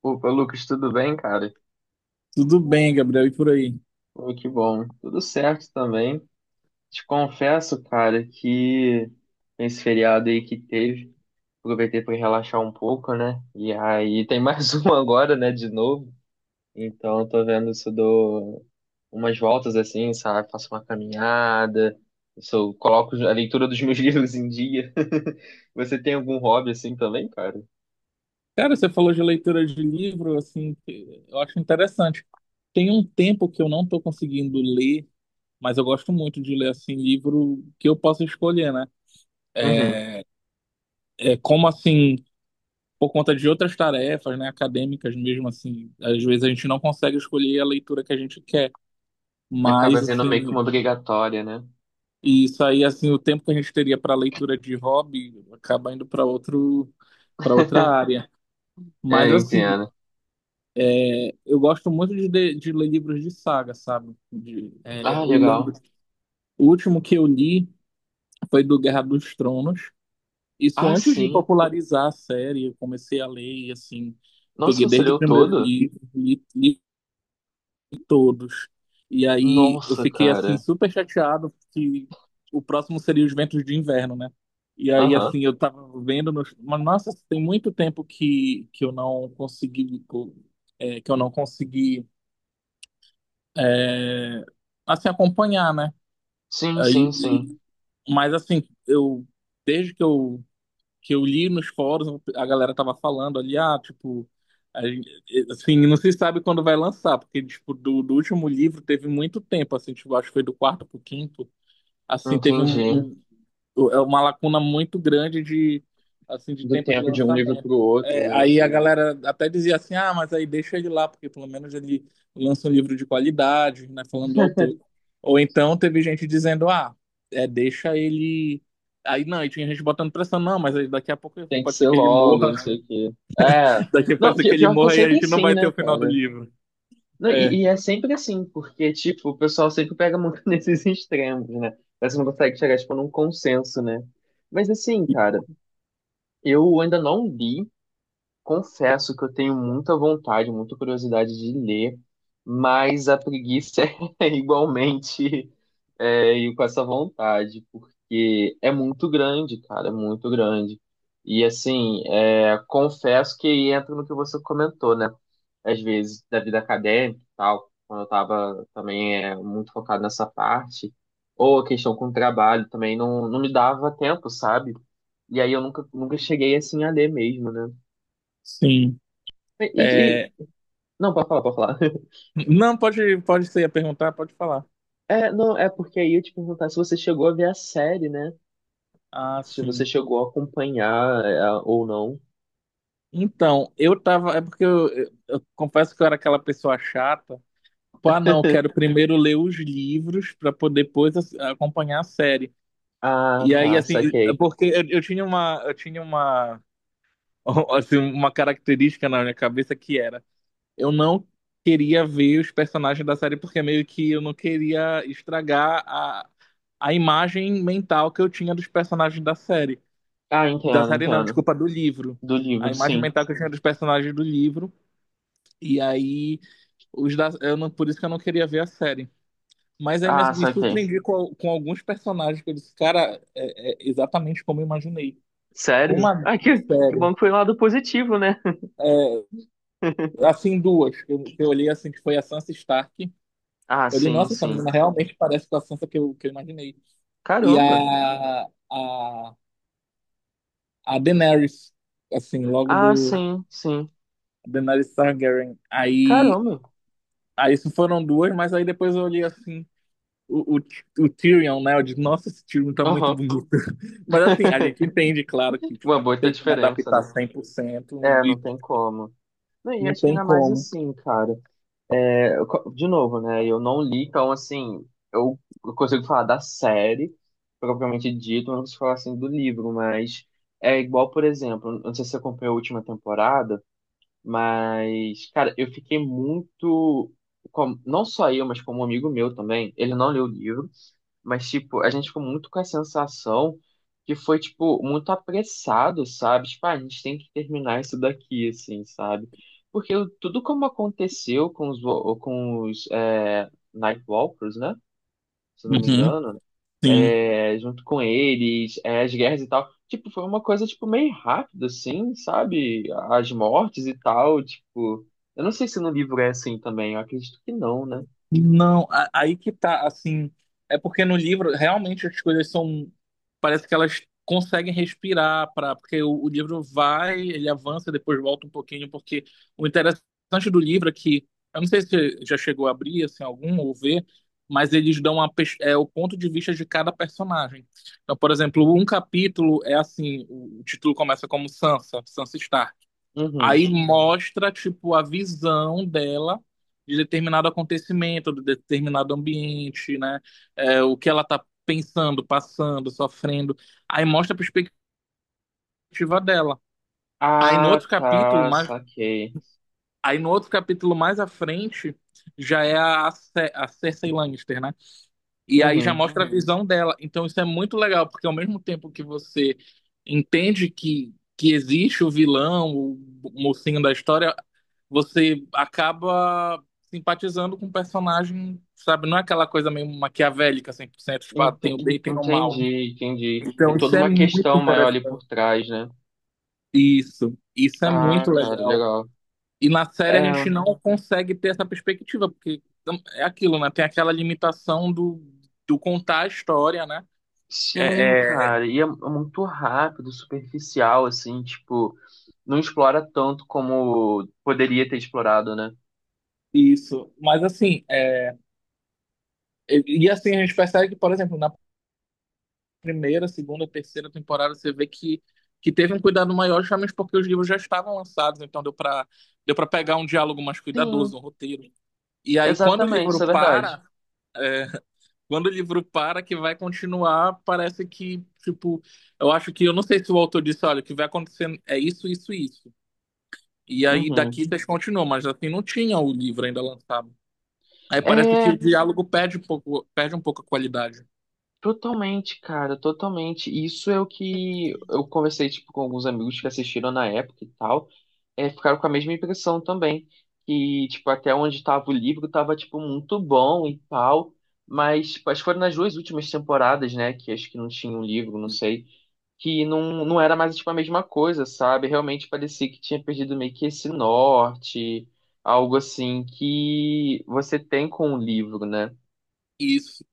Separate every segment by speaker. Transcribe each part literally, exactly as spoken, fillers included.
Speaker 1: Opa, Lucas, tudo bem, cara?
Speaker 2: Tudo bem, Gabriel, e por aí?
Speaker 1: Pô, que bom. Tudo certo também. Te confesso, cara, que esse feriado aí que teve, aproveitei para relaxar um pouco, né? E aí tem mais um agora, né, de novo. Então, eu tô vendo se eu dou umas voltas assim, sabe? Faço uma caminhada, se eu coloco a leitura dos meus livros em dia. Você tem algum hobby assim também, cara?
Speaker 2: Cara, você falou de leitura de livro, assim, que eu acho interessante. Tem um tempo que eu não estou conseguindo ler, mas eu gosto muito de ler, assim, livro que eu possa escolher, né?
Speaker 1: Uhum.
Speaker 2: É, como, assim, por conta de outras tarefas, né, acadêmicas mesmo, assim, às vezes a gente não consegue escolher a leitura que a gente quer,
Speaker 1: Acaba
Speaker 2: mas,
Speaker 1: vendo meio que uma
Speaker 2: assim,
Speaker 1: obrigatória, né?
Speaker 2: isso aí, assim, o tempo que a gente teria para leitura de hobby acaba indo para outro, para outra área.
Speaker 1: É,
Speaker 2: Mas, assim,
Speaker 1: entendo.
Speaker 2: eu gosto muito de, ler- de ler livros de saga, sabe? De, é,
Speaker 1: Ah,
Speaker 2: eu lembro,
Speaker 1: legal.
Speaker 2: o último que eu li foi do Guerra dos Tronos. Isso
Speaker 1: Ah,
Speaker 2: antes de
Speaker 1: sim.
Speaker 2: popularizar a série, eu comecei a ler e assim, peguei
Speaker 1: Nossa, você
Speaker 2: desde o
Speaker 1: leu
Speaker 2: primeiro
Speaker 1: todo?
Speaker 2: livro, li, li todos. E aí eu
Speaker 1: Nossa,
Speaker 2: fiquei assim
Speaker 1: cara.
Speaker 2: super chateado que o próximo seria Os Ventos de Inverno, né? E aí
Speaker 1: Aham.
Speaker 2: assim, eu tava vendo nos- mas nossa, tem muito tempo que que eu não consegui co- é, que eu não consegui é, assim, acompanhar, né?
Speaker 1: Sim, sim,
Speaker 2: Aí,
Speaker 1: sim.
Speaker 2: e- mas assim, eu desde que eu que eu li nos fóruns, a galera tava falando ali, ah, tipo, a gente- assim, não se sabe quando vai lançar, porque tipo, do, do último livro teve muito tempo, assim, tipo, acho que foi do quarto pro quinto, assim, teve um,
Speaker 1: Entendi.
Speaker 2: um, é uma lacuna muito grande de assim de
Speaker 1: Do
Speaker 2: tempo de
Speaker 1: tempo de um livro pro
Speaker 2: lançamento.
Speaker 1: outro,
Speaker 2: É,
Speaker 1: né?
Speaker 2: aí a galera até dizia assim, ah, mas aí deixa ele lá, porque pelo menos ele lança um livro de qualidade, né, falando do autor. Ou então teve gente dizendo, ah, é, deixa ele. Aí não, e tinha gente botando pressão, não, mas aí daqui a pouco
Speaker 1: Tem que
Speaker 2: pode ser
Speaker 1: ser
Speaker 2: que ele
Speaker 1: logo, não
Speaker 2: morra,
Speaker 1: sei o quê. É.
Speaker 2: daqui pode
Speaker 1: Não,
Speaker 2: ser que
Speaker 1: pi-
Speaker 2: ele
Speaker 1: pior que é
Speaker 2: morra e a
Speaker 1: sempre
Speaker 2: gente não
Speaker 1: assim,
Speaker 2: vai ter
Speaker 1: né,
Speaker 2: o final do
Speaker 1: cara?
Speaker 2: livro.
Speaker 1: Não,
Speaker 2: É,
Speaker 1: e, e é sempre assim, porque, tipo, o pessoal sempre pega muito nesses extremos, né? Mas você não consegue chegar, tipo, num consenso, né? Mas assim, cara, eu ainda não li. Confesso que eu tenho muita vontade, muita curiosidade de ler, mas a preguiça é igualmente é, ir com essa vontade, porque é muito grande, cara, é muito grande. E assim, é, confesso que entra no que você comentou, né? Às vezes, da vida acadêmica e tal, quando eu tava também é, muito focado nessa parte, ou a questão com o trabalho também não, não me dava tempo, sabe? E aí eu nunca, nunca cheguei assim a ler mesmo, né?
Speaker 2: sim.
Speaker 1: E, e-
Speaker 2: É...
Speaker 1: não, pode falar, pode falar.
Speaker 2: Não, pode, pode ser a perguntar, pode falar.
Speaker 1: É, não, é porque aí eu te perguntar se você chegou a ver a série, né?
Speaker 2: Ah,
Speaker 1: Se você
Speaker 2: sim.
Speaker 1: chegou a acompanhar é, ou não.
Speaker 2: Então, eu tava. É porque eu, eu- eu confesso que eu era aquela pessoa chata. Pá, não, eu quero primeiro ler os livros para poder depois ass- acompanhar a série.
Speaker 1: Ah,
Speaker 2: E aí,
Speaker 1: tá,
Speaker 2: assim, é
Speaker 1: saquei.
Speaker 2: porque eu, eu tinha uma, eu tinha uma, assim, uma característica na minha cabeça que era, eu não queria ver os personagens da série porque meio que eu não queria estragar a, a imagem mental que eu tinha dos personagens da série.
Speaker 1: Ah,
Speaker 2: Da
Speaker 1: entendo,
Speaker 2: série não,
Speaker 1: entendo.
Speaker 2: desculpa, do livro.
Speaker 1: Do
Speaker 2: A
Speaker 1: livro,
Speaker 2: imagem
Speaker 1: sim.
Speaker 2: mental que eu tinha dos personagens do livro. E aí, os da, eu não, por isso que eu não queria ver a série. Mas aí me,
Speaker 1: Ah,
Speaker 2: me
Speaker 1: saquei.
Speaker 2: surpreendi com, al- com alguns personagens que eu disse, cara, é, é exatamente como eu imaginei.
Speaker 1: Sério?
Speaker 2: Uma,
Speaker 1: Ah, que, que bom
Speaker 2: Sério,
Speaker 1: que foi um lado positivo, né?
Speaker 2: assim, duas, que eu, que eu olhei assim, que foi a Sansa Stark.
Speaker 1: Ah,
Speaker 2: Eu olhei,
Speaker 1: sim,
Speaker 2: nossa, essa
Speaker 1: sim.
Speaker 2: menina realmente parece com a Sansa que eu, que eu imaginei. E
Speaker 1: Caramba.
Speaker 2: a, a, a Daenerys, assim, logo
Speaker 1: Ah,
Speaker 2: do
Speaker 1: sim, sim.
Speaker 2: Daenerys Targaryen. Aí,
Speaker 1: Caramba.
Speaker 2: aí isso foram duas, mas aí depois eu olhei assim. O, o, o Tyrion, né? Eu digo, nossa, esse Tyrion tá muito
Speaker 1: Aham.
Speaker 2: bonito. Mas assim, a gente entende, claro, que
Speaker 1: Uma
Speaker 2: tipo, não
Speaker 1: boa
Speaker 2: tem como
Speaker 1: diferença,
Speaker 2: adaptar
Speaker 1: né?
Speaker 2: cem por cento
Speaker 1: É,
Speaker 2: e
Speaker 1: não tem como. Não, e
Speaker 2: não
Speaker 1: acho que
Speaker 2: tem
Speaker 1: ainda mais
Speaker 2: como.
Speaker 1: assim, cara. Eu co- de novo, né? Eu não li, então, assim, eu eu consigo falar da série, propriamente dito, eu não consigo falar, assim, do livro, mas é igual, por exemplo, não sei se você acompanhou a última temporada, mas, cara, eu fiquei muito. como- não só eu, mas como um amigo meu também, ele não leu o livro. Mas, tipo, a gente ficou muito com a sensação que foi, tipo, muito apressado, sabe? Tipo, ah, a gente tem que terminar isso daqui, assim, sabe? Porque o- tudo como aconteceu com os, vo- com os é, Nightwalkers, né? Se eu não me
Speaker 2: Uhum,
Speaker 1: engano,
Speaker 2: sim.
Speaker 1: é, junto com eles, é, as guerras e tal, tipo, foi uma coisa, tipo, meio rápida, assim, sabe? As mortes e tal, tipo... Eu não sei se no livro é assim também, eu acredito que não, né?
Speaker 2: Não, a- aí que tá, assim, é porque no livro realmente as coisas são, parece que elas conseguem respirar para, porque o, o livro vai, ele avança, depois volta um pouquinho, porque o interessante do livro é que, eu não sei se você já chegou a abrir assim algum ou ver, mas eles dão a, pers- é, o ponto de vista de cada personagem. Então, por exemplo, um capítulo é assim, o, o título começa como Sansa, Sansa Stark.
Speaker 1: Uhum.
Speaker 2: Aí mostra, tipo, a visão dela de determinado acontecimento, de determinado ambiente, né? É, o que ela tá pensando, passando, sofrendo. Aí mostra a perspectiva dela. Aí no
Speaker 1: Ah,
Speaker 2: outro capítulo,
Speaker 1: tá,
Speaker 2: mais,
Speaker 1: saquei.
Speaker 2: aí no outro capítulo mais à frente, já é a, Ce- a Cersei Lannister, né? E aí já
Speaker 1: Uhum.
Speaker 2: mostra a, Uhum. visão dela. Então isso é muito legal, porque ao mesmo tempo que você entende que, que existe o vilão, o mocinho da história, você acaba simpatizando com o personagem, sabe? Não é aquela coisa meio maquiavélica cem por cento tipo, ah, tem o
Speaker 1: Ente-
Speaker 2: bem e tem o mal.
Speaker 1: Entendi, entendi.
Speaker 2: Então,
Speaker 1: Tem
Speaker 2: isso
Speaker 1: toda
Speaker 2: é
Speaker 1: uma
Speaker 2: muito
Speaker 1: questão maior ali por
Speaker 2: interessante.
Speaker 1: trás, né?
Speaker 2: Isso, isso é
Speaker 1: Ah,
Speaker 2: muito
Speaker 1: cara,
Speaker 2: legal.
Speaker 1: legal.
Speaker 2: E na série a
Speaker 1: É,
Speaker 2: gente não consegue ter essa perspectiva, porque não- é aquilo, né? Tem aquela limitação do, do contar a história, né?
Speaker 1: sim,
Speaker 2: É, é,
Speaker 1: cara, e é é muito rápido, superficial, assim, tipo, não explora tanto como poderia ter explorado, né?
Speaker 2: isso. Mas assim, é, e e, assim a gente percebe que, por exemplo, na primeira, segunda, terceira temporada, você vê que, que teve um cuidado maior, justamente porque os livros já estavam lançados, então deu para deu para pegar um diálogo mais
Speaker 1: Sim,
Speaker 2: cuidadoso, um roteiro. E aí, quando o
Speaker 1: exatamente,
Speaker 2: livro
Speaker 1: isso é verdade.
Speaker 2: para, quando o livro para, que vai continuar, parece que, tipo, eu acho que, eu não sei se o autor disse, olha, o que vai acontecer é isso, isso, e isso. E aí,
Speaker 1: Uhum.
Speaker 2: daqui vocês continuam, mas assim, não tinha o livro ainda lançado. Aí parece que
Speaker 1: É,
Speaker 2: o diálogo perde um pouco, perde um pouco a qualidade.
Speaker 1: totalmente, cara, totalmente. Isso é o que eu conversei, tipo, com alguns amigos que assistiram na época e tal, é, ficaram com a mesma impressão também, que, tipo, até onde tava o livro tava, tipo, muito bom e tal, mas, tipo, acho que foram nas duas últimas temporadas, né, que acho que não tinha um livro, não sei, que não, não era mais, tipo, a mesma coisa, sabe? Realmente parecia que tinha perdido meio que esse norte, algo assim que você tem com o livro, né?
Speaker 2: Isso.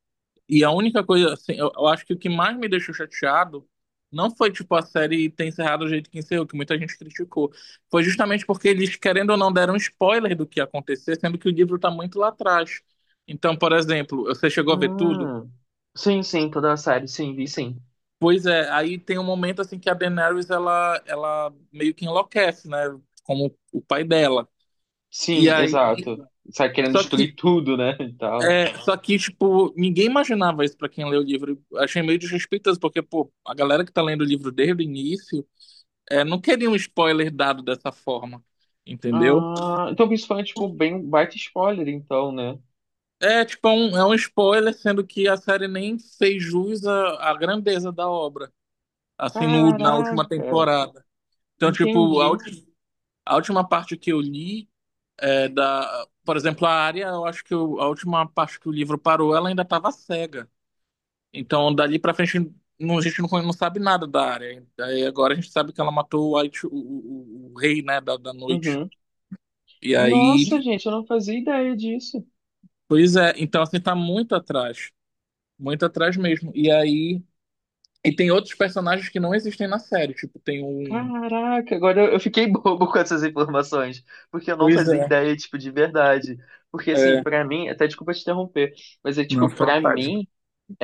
Speaker 2: E a única coisa, assim, eu, eu acho que o que mais me deixou chateado não foi, tipo, a série ter encerrado do jeito que encerrou, que muita gente criticou. Foi justamente porque eles, querendo ou não, deram spoiler do que ia acontecer, sendo que o livro tá muito lá atrás. Então, por exemplo, você chegou a ver tudo?
Speaker 1: Hum. Sim, sim, toda a série, sim, vi sim.
Speaker 2: Pois é, aí tem um momento, assim, que a Daenerys, ela, ela meio que enlouquece, né? Como o pai dela. E
Speaker 1: Sim,
Speaker 2: aí.
Speaker 1: exato. Sai querendo
Speaker 2: Só
Speaker 1: destruir
Speaker 2: que
Speaker 1: tudo, né? E tal.
Speaker 2: É, só que, tipo, ninguém imaginava isso pra quem lê o livro. Achei meio desrespeitoso, porque, pô, a galera que tá lendo o livro desde o início, é, não queria um spoiler dado dessa forma, entendeu?
Speaker 1: Ah, então isso foi, tipo, bem um baita spoiler, então, né?
Speaker 2: É, tipo, é um, é um spoiler, sendo que a série nem fez jus à, à grandeza da obra, assim, no, na última
Speaker 1: Caraca,
Speaker 2: temporada. Então, tipo, a,
Speaker 1: entendi.
Speaker 2: ulti- a última parte que eu li é da... Por exemplo, a área, eu acho que o- a última parte que o livro parou, ela ainda tava cega. Então, dali pra frente, não- a gente não, não sabe nada da área. Aí agora a gente sabe que ela matou o, White- o, o- o rei, né, da, da noite.
Speaker 1: Uhum.
Speaker 2: E aí,
Speaker 1: Nossa, gente, eu não fazia ideia disso.
Speaker 2: pois é, então assim, tá muito atrás. Muito atrás mesmo. E aí, e tem outros personagens que não existem na série. Tipo, tem um.
Speaker 1: Caraca, agora eu eu fiquei bobo com essas informações, porque eu não
Speaker 2: Pois
Speaker 1: fazia
Speaker 2: é,
Speaker 1: ideia, tipo, de verdade. Porque, assim,
Speaker 2: é.
Speaker 1: pra mim, até desculpa te interromper, mas é
Speaker 2: Não,
Speaker 1: tipo,
Speaker 2: só
Speaker 1: pra
Speaker 2: tarde.
Speaker 1: mim.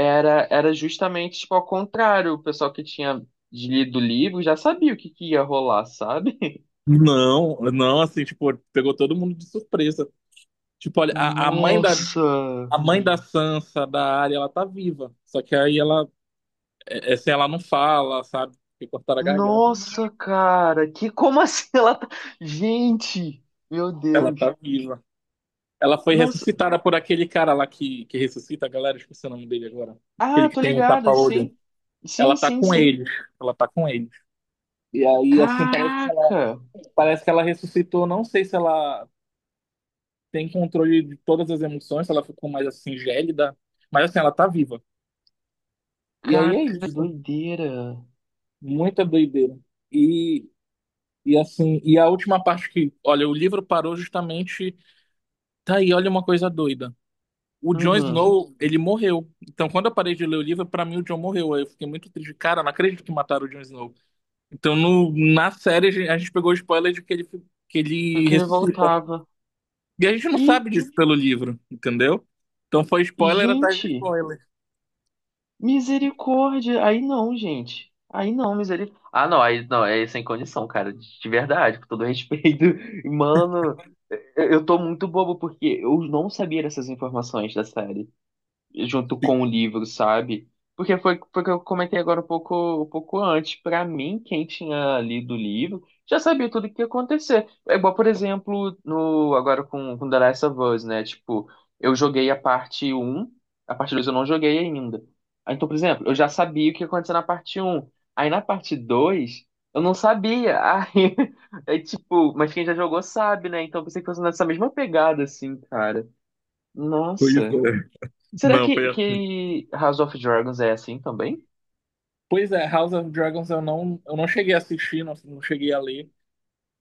Speaker 1: Era, era justamente, tipo, ao contrário. O pessoal que tinha lido o livro já sabia o que que ia rolar, sabe?
Speaker 2: Não, não, assim, tipo, pegou todo mundo de surpresa. Tipo, olha, a, a mãe da,
Speaker 1: Nossa!
Speaker 2: a mãe da Sansa, da Arya, ela tá viva. Só que aí ela, é, é, assim, ela não fala, sabe? Porque cortaram a garganta.
Speaker 1: Nossa, cara! Que como assim ela tá... Gente, meu
Speaker 2: Ela tá
Speaker 1: Deus.
Speaker 2: viva. Ela foi
Speaker 1: Nossa.
Speaker 2: ressuscitada por aquele cara lá que, que ressuscita a galera, esqueci o nome dele agora. Aquele
Speaker 1: Ah,
Speaker 2: que
Speaker 1: tô
Speaker 2: tem um
Speaker 1: ligado,
Speaker 2: tapa-olho.
Speaker 1: sim.
Speaker 2: Ela
Speaker 1: Sim,
Speaker 2: tá
Speaker 1: sim,
Speaker 2: com
Speaker 1: sim.
Speaker 2: eles. Ela tá com eles. E aí, assim, parece que ela,
Speaker 1: Caraca!
Speaker 2: parece que ela ressuscitou. Não sei se ela tem controle de todas as emoções, se ela ficou mais assim, gélida. Mas assim, ela tá viva. E aí
Speaker 1: Cara,
Speaker 2: é
Speaker 1: que
Speaker 2: isso.
Speaker 1: doideira.
Speaker 2: Muita doideira. E, e assim, e a última parte que, olha, o livro parou justamente. Tá aí, olha uma coisa doida. O Jon
Speaker 1: Uhum.
Speaker 2: Snow, ele morreu. Então, quando eu parei de ler o livro, pra mim o Jon morreu. Aí eu fiquei muito triste. Cara, não acredito que mataram o Jon Snow. Então, no, na série, a gente a gente pegou o spoiler de que ele, que
Speaker 1: E
Speaker 2: ele
Speaker 1: que ele
Speaker 2: ressuscita.
Speaker 1: voltava.
Speaker 2: E a gente não
Speaker 1: Ih,
Speaker 2: sabe disso pelo livro, entendeu? Então, foi spoiler atrás de
Speaker 1: gente,
Speaker 2: spoiler.
Speaker 1: misericórdia. Aí não, gente. Aí não, misericórdia. Ah, não, aí não, é sem condição, cara. De de verdade, com todo respeito. Mano, é, eu eu tô muito bobo porque eu não sabia dessas informações da série junto com o livro, sabe? Porque foi, foi que eu comentei agora um pouco, um pouco antes. Pra mim, quem tinha lido o livro já sabia tudo o que ia acontecer. É igual, por exemplo, no, agora com, com The Last of Us, né? Tipo, eu joguei a parte um a parte dois eu não joguei ainda. Aí, então, por exemplo, eu já sabia o que ia acontecer na parte um. Aí na parte dois eu não sabia. Aí, é tipo, mas quem já jogou sabe, né? Então, eu pensei que fosse nessa mesma pegada, assim, cara.
Speaker 2: Pois
Speaker 1: Nossa.
Speaker 2: é.
Speaker 1: Será
Speaker 2: Não, foi
Speaker 1: que,
Speaker 2: assim.
Speaker 1: que House of Dragons é assim também?
Speaker 2: Pois é, House of Dragons eu não, eu não cheguei a assistir, não, não cheguei a ler.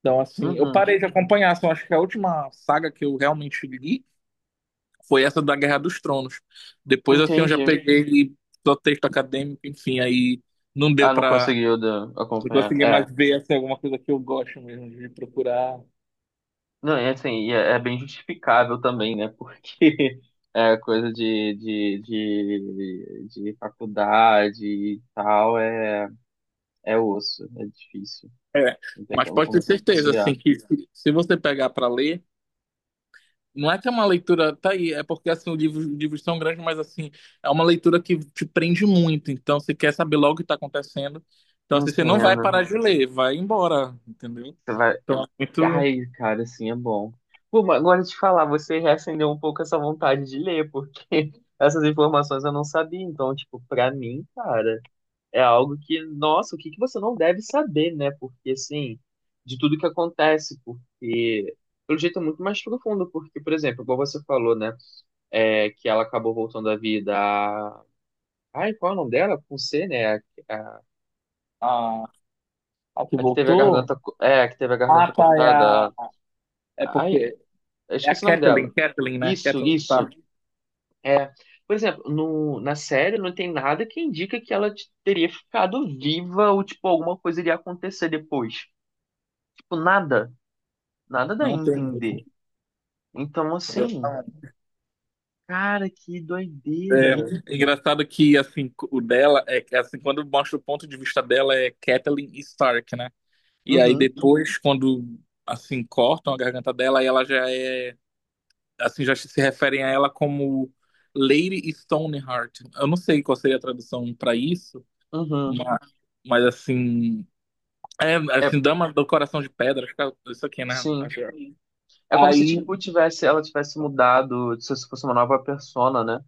Speaker 2: Então, assim, eu
Speaker 1: Uhum,
Speaker 2: parei de acompanhar. Assim, eu acho que a última saga que eu realmente li foi essa da Guerra dos Tronos. Depois, assim, eu já
Speaker 1: entendi.
Speaker 2: peguei ele só texto acadêmico, enfim, aí não deu
Speaker 1: Ah, não
Speaker 2: pra.
Speaker 1: conseguiu da-
Speaker 2: Não
Speaker 1: acompanhar.
Speaker 2: consegui
Speaker 1: É.
Speaker 2: mais ver assim, alguma coisa que eu gosto mesmo de procurar.
Speaker 1: Não, é assim, e é, é bem justificável também, né? Porque é coisa de, de, de, de faculdade e tal, é, é osso, é difícil.
Speaker 2: É,
Speaker 1: Não tem
Speaker 2: mas
Speaker 1: como,
Speaker 2: pode ter
Speaker 1: como
Speaker 2: certeza,
Speaker 1: conciliar.
Speaker 2: assim, que se, se você pegar pra ler, não é que é uma leitura. Tá aí, é porque, assim, o livro, os livros são grandes, mas, assim, é uma leitura que te prende muito. Então, você quer saber logo o que tá acontecendo. Então, assim, você não vai
Speaker 1: Entendo.
Speaker 2: parar de ler, vai embora, entendeu?
Speaker 1: Você vai
Speaker 2: Então, é muito.
Speaker 1: ai, cara, assim é bom. Pô, mas agora te falar, você reacendeu um pouco essa vontade de ler, porque essas informações eu não sabia. Então, tipo, pra mim, cara, é algo que, nossa, o que que você não deve saber, né? Porque, assim, de tudo que acontece, porque, pelo jeito, é muito mais profundo. Porque, por exemplo, igual você falou, né? É, que ela acabou voltando à vida. a- Ai, qual é o nome dela? Com C, né? A, a, a-
Speaker 2: A, a que
Speaker 1: a que teve a
Speaker 2: voltou.
Speaker 1: garganta, co- é, a que teve a
Speaker 2: Ah,
Speaker 1: garganta
Speaker 2: tá, é
Speaker 1: cortada.
Speaker 2: a. É
Speaker 1: a- Ai,
Speaker 2: porque
Speaker 1: Eu
Speaker 2: é a
Speaker 1: esqueci o nome dela.
Speaker 2: Kathleen, Kathleen, né?
Speaker 1: Isso,
Speaker 2: Kathleen
Speaker 1: isso.
Speaker 2: Stark.
Speaker 1: É. Por exemplo, no, na série não tem nada que indica que ela t- teria ficado viva ou, tipo, alguma coisa iria acontecer depois. Tipo, nada. Nada dá a
Speaker 2: Não tem mesmo.
Speaker 1: entender. Então, assim,
Speaker 2: Exatamente.
Speaker 1: cara, que doideira.
Speaker 2: É engraçado que assim, o dela é que, assim, quando mostra o ponto de vista dela é Kathleen Stark, né? E aí
Speaker 1: Uhum,
Speaker 2: depois, quando assim, cortam a garganta dela, aí ela já é assim, já se referem a ela como Lady Stoneheart. Eu não sei qual seria a tradução para isso,
Speaker 1: uhum.
Speaker 2: mas, mas, assim, é,
Speaker 1: É,
Speaker 2: assim, dama do coração de pedra, acho que é isso aqui, né?
Speaker 1: sim.
Speaker 2: Acho é.
Speaker 1: É como se,
Speaker 2: Aí
Speaker 1: tipo, tivesse, ela tivesse mudado, se fosse uma nova persona, né?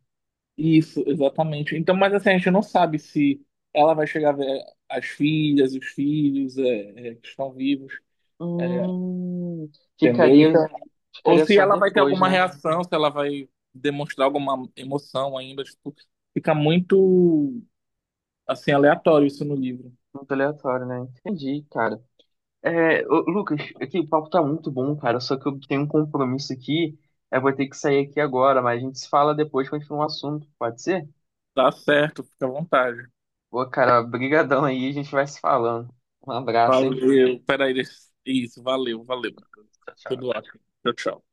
Speaker 2: Isso, exatamente. Então, mas assim, a gente não sabe se ela vai chegar a ver as filhas, os filhos é, é, que estão vivos, é,
Speaker 1: Hum,
Speaker 2: entendeu?
Speaker 1: ficaria,
Speaker 2: Então, ou
Speaker 1: ficaria
Speaker 2: se
Speaker 1: só
Speaker 2: ela vai ter
Speaker 1: depois,
Speaker 2: alguma
Speaker 1: né?
Speaker 2: reação, se ela vai demonstrar alguma emoção ainda, tipo, fica muito, assim, aleatório isso no livro.
Speaker 1: Muito aleatório, né? Entendi, cara. É, ô, Lucas, aqui o papo tá muito bom, cara. Só que eu tenho um compromisso aqui. Eu vou ter que sair aqui agora, mas a gente se fala depois, continua o assunto, pode ser?
Speaker 2: Tá certo, fica à vontade.
Speaker 1: Pô, cara, brigadão aí, a gente vai se falando. Um abraço, hein?
Speaker 2: Valeu, peraí, deixa- isso, valeu, valeu.
Speaker 1: Tchau,
Speaker 2: Tudo
Speaker 1: tchau.
Speaker 2: ótimo. Tchau, tchau.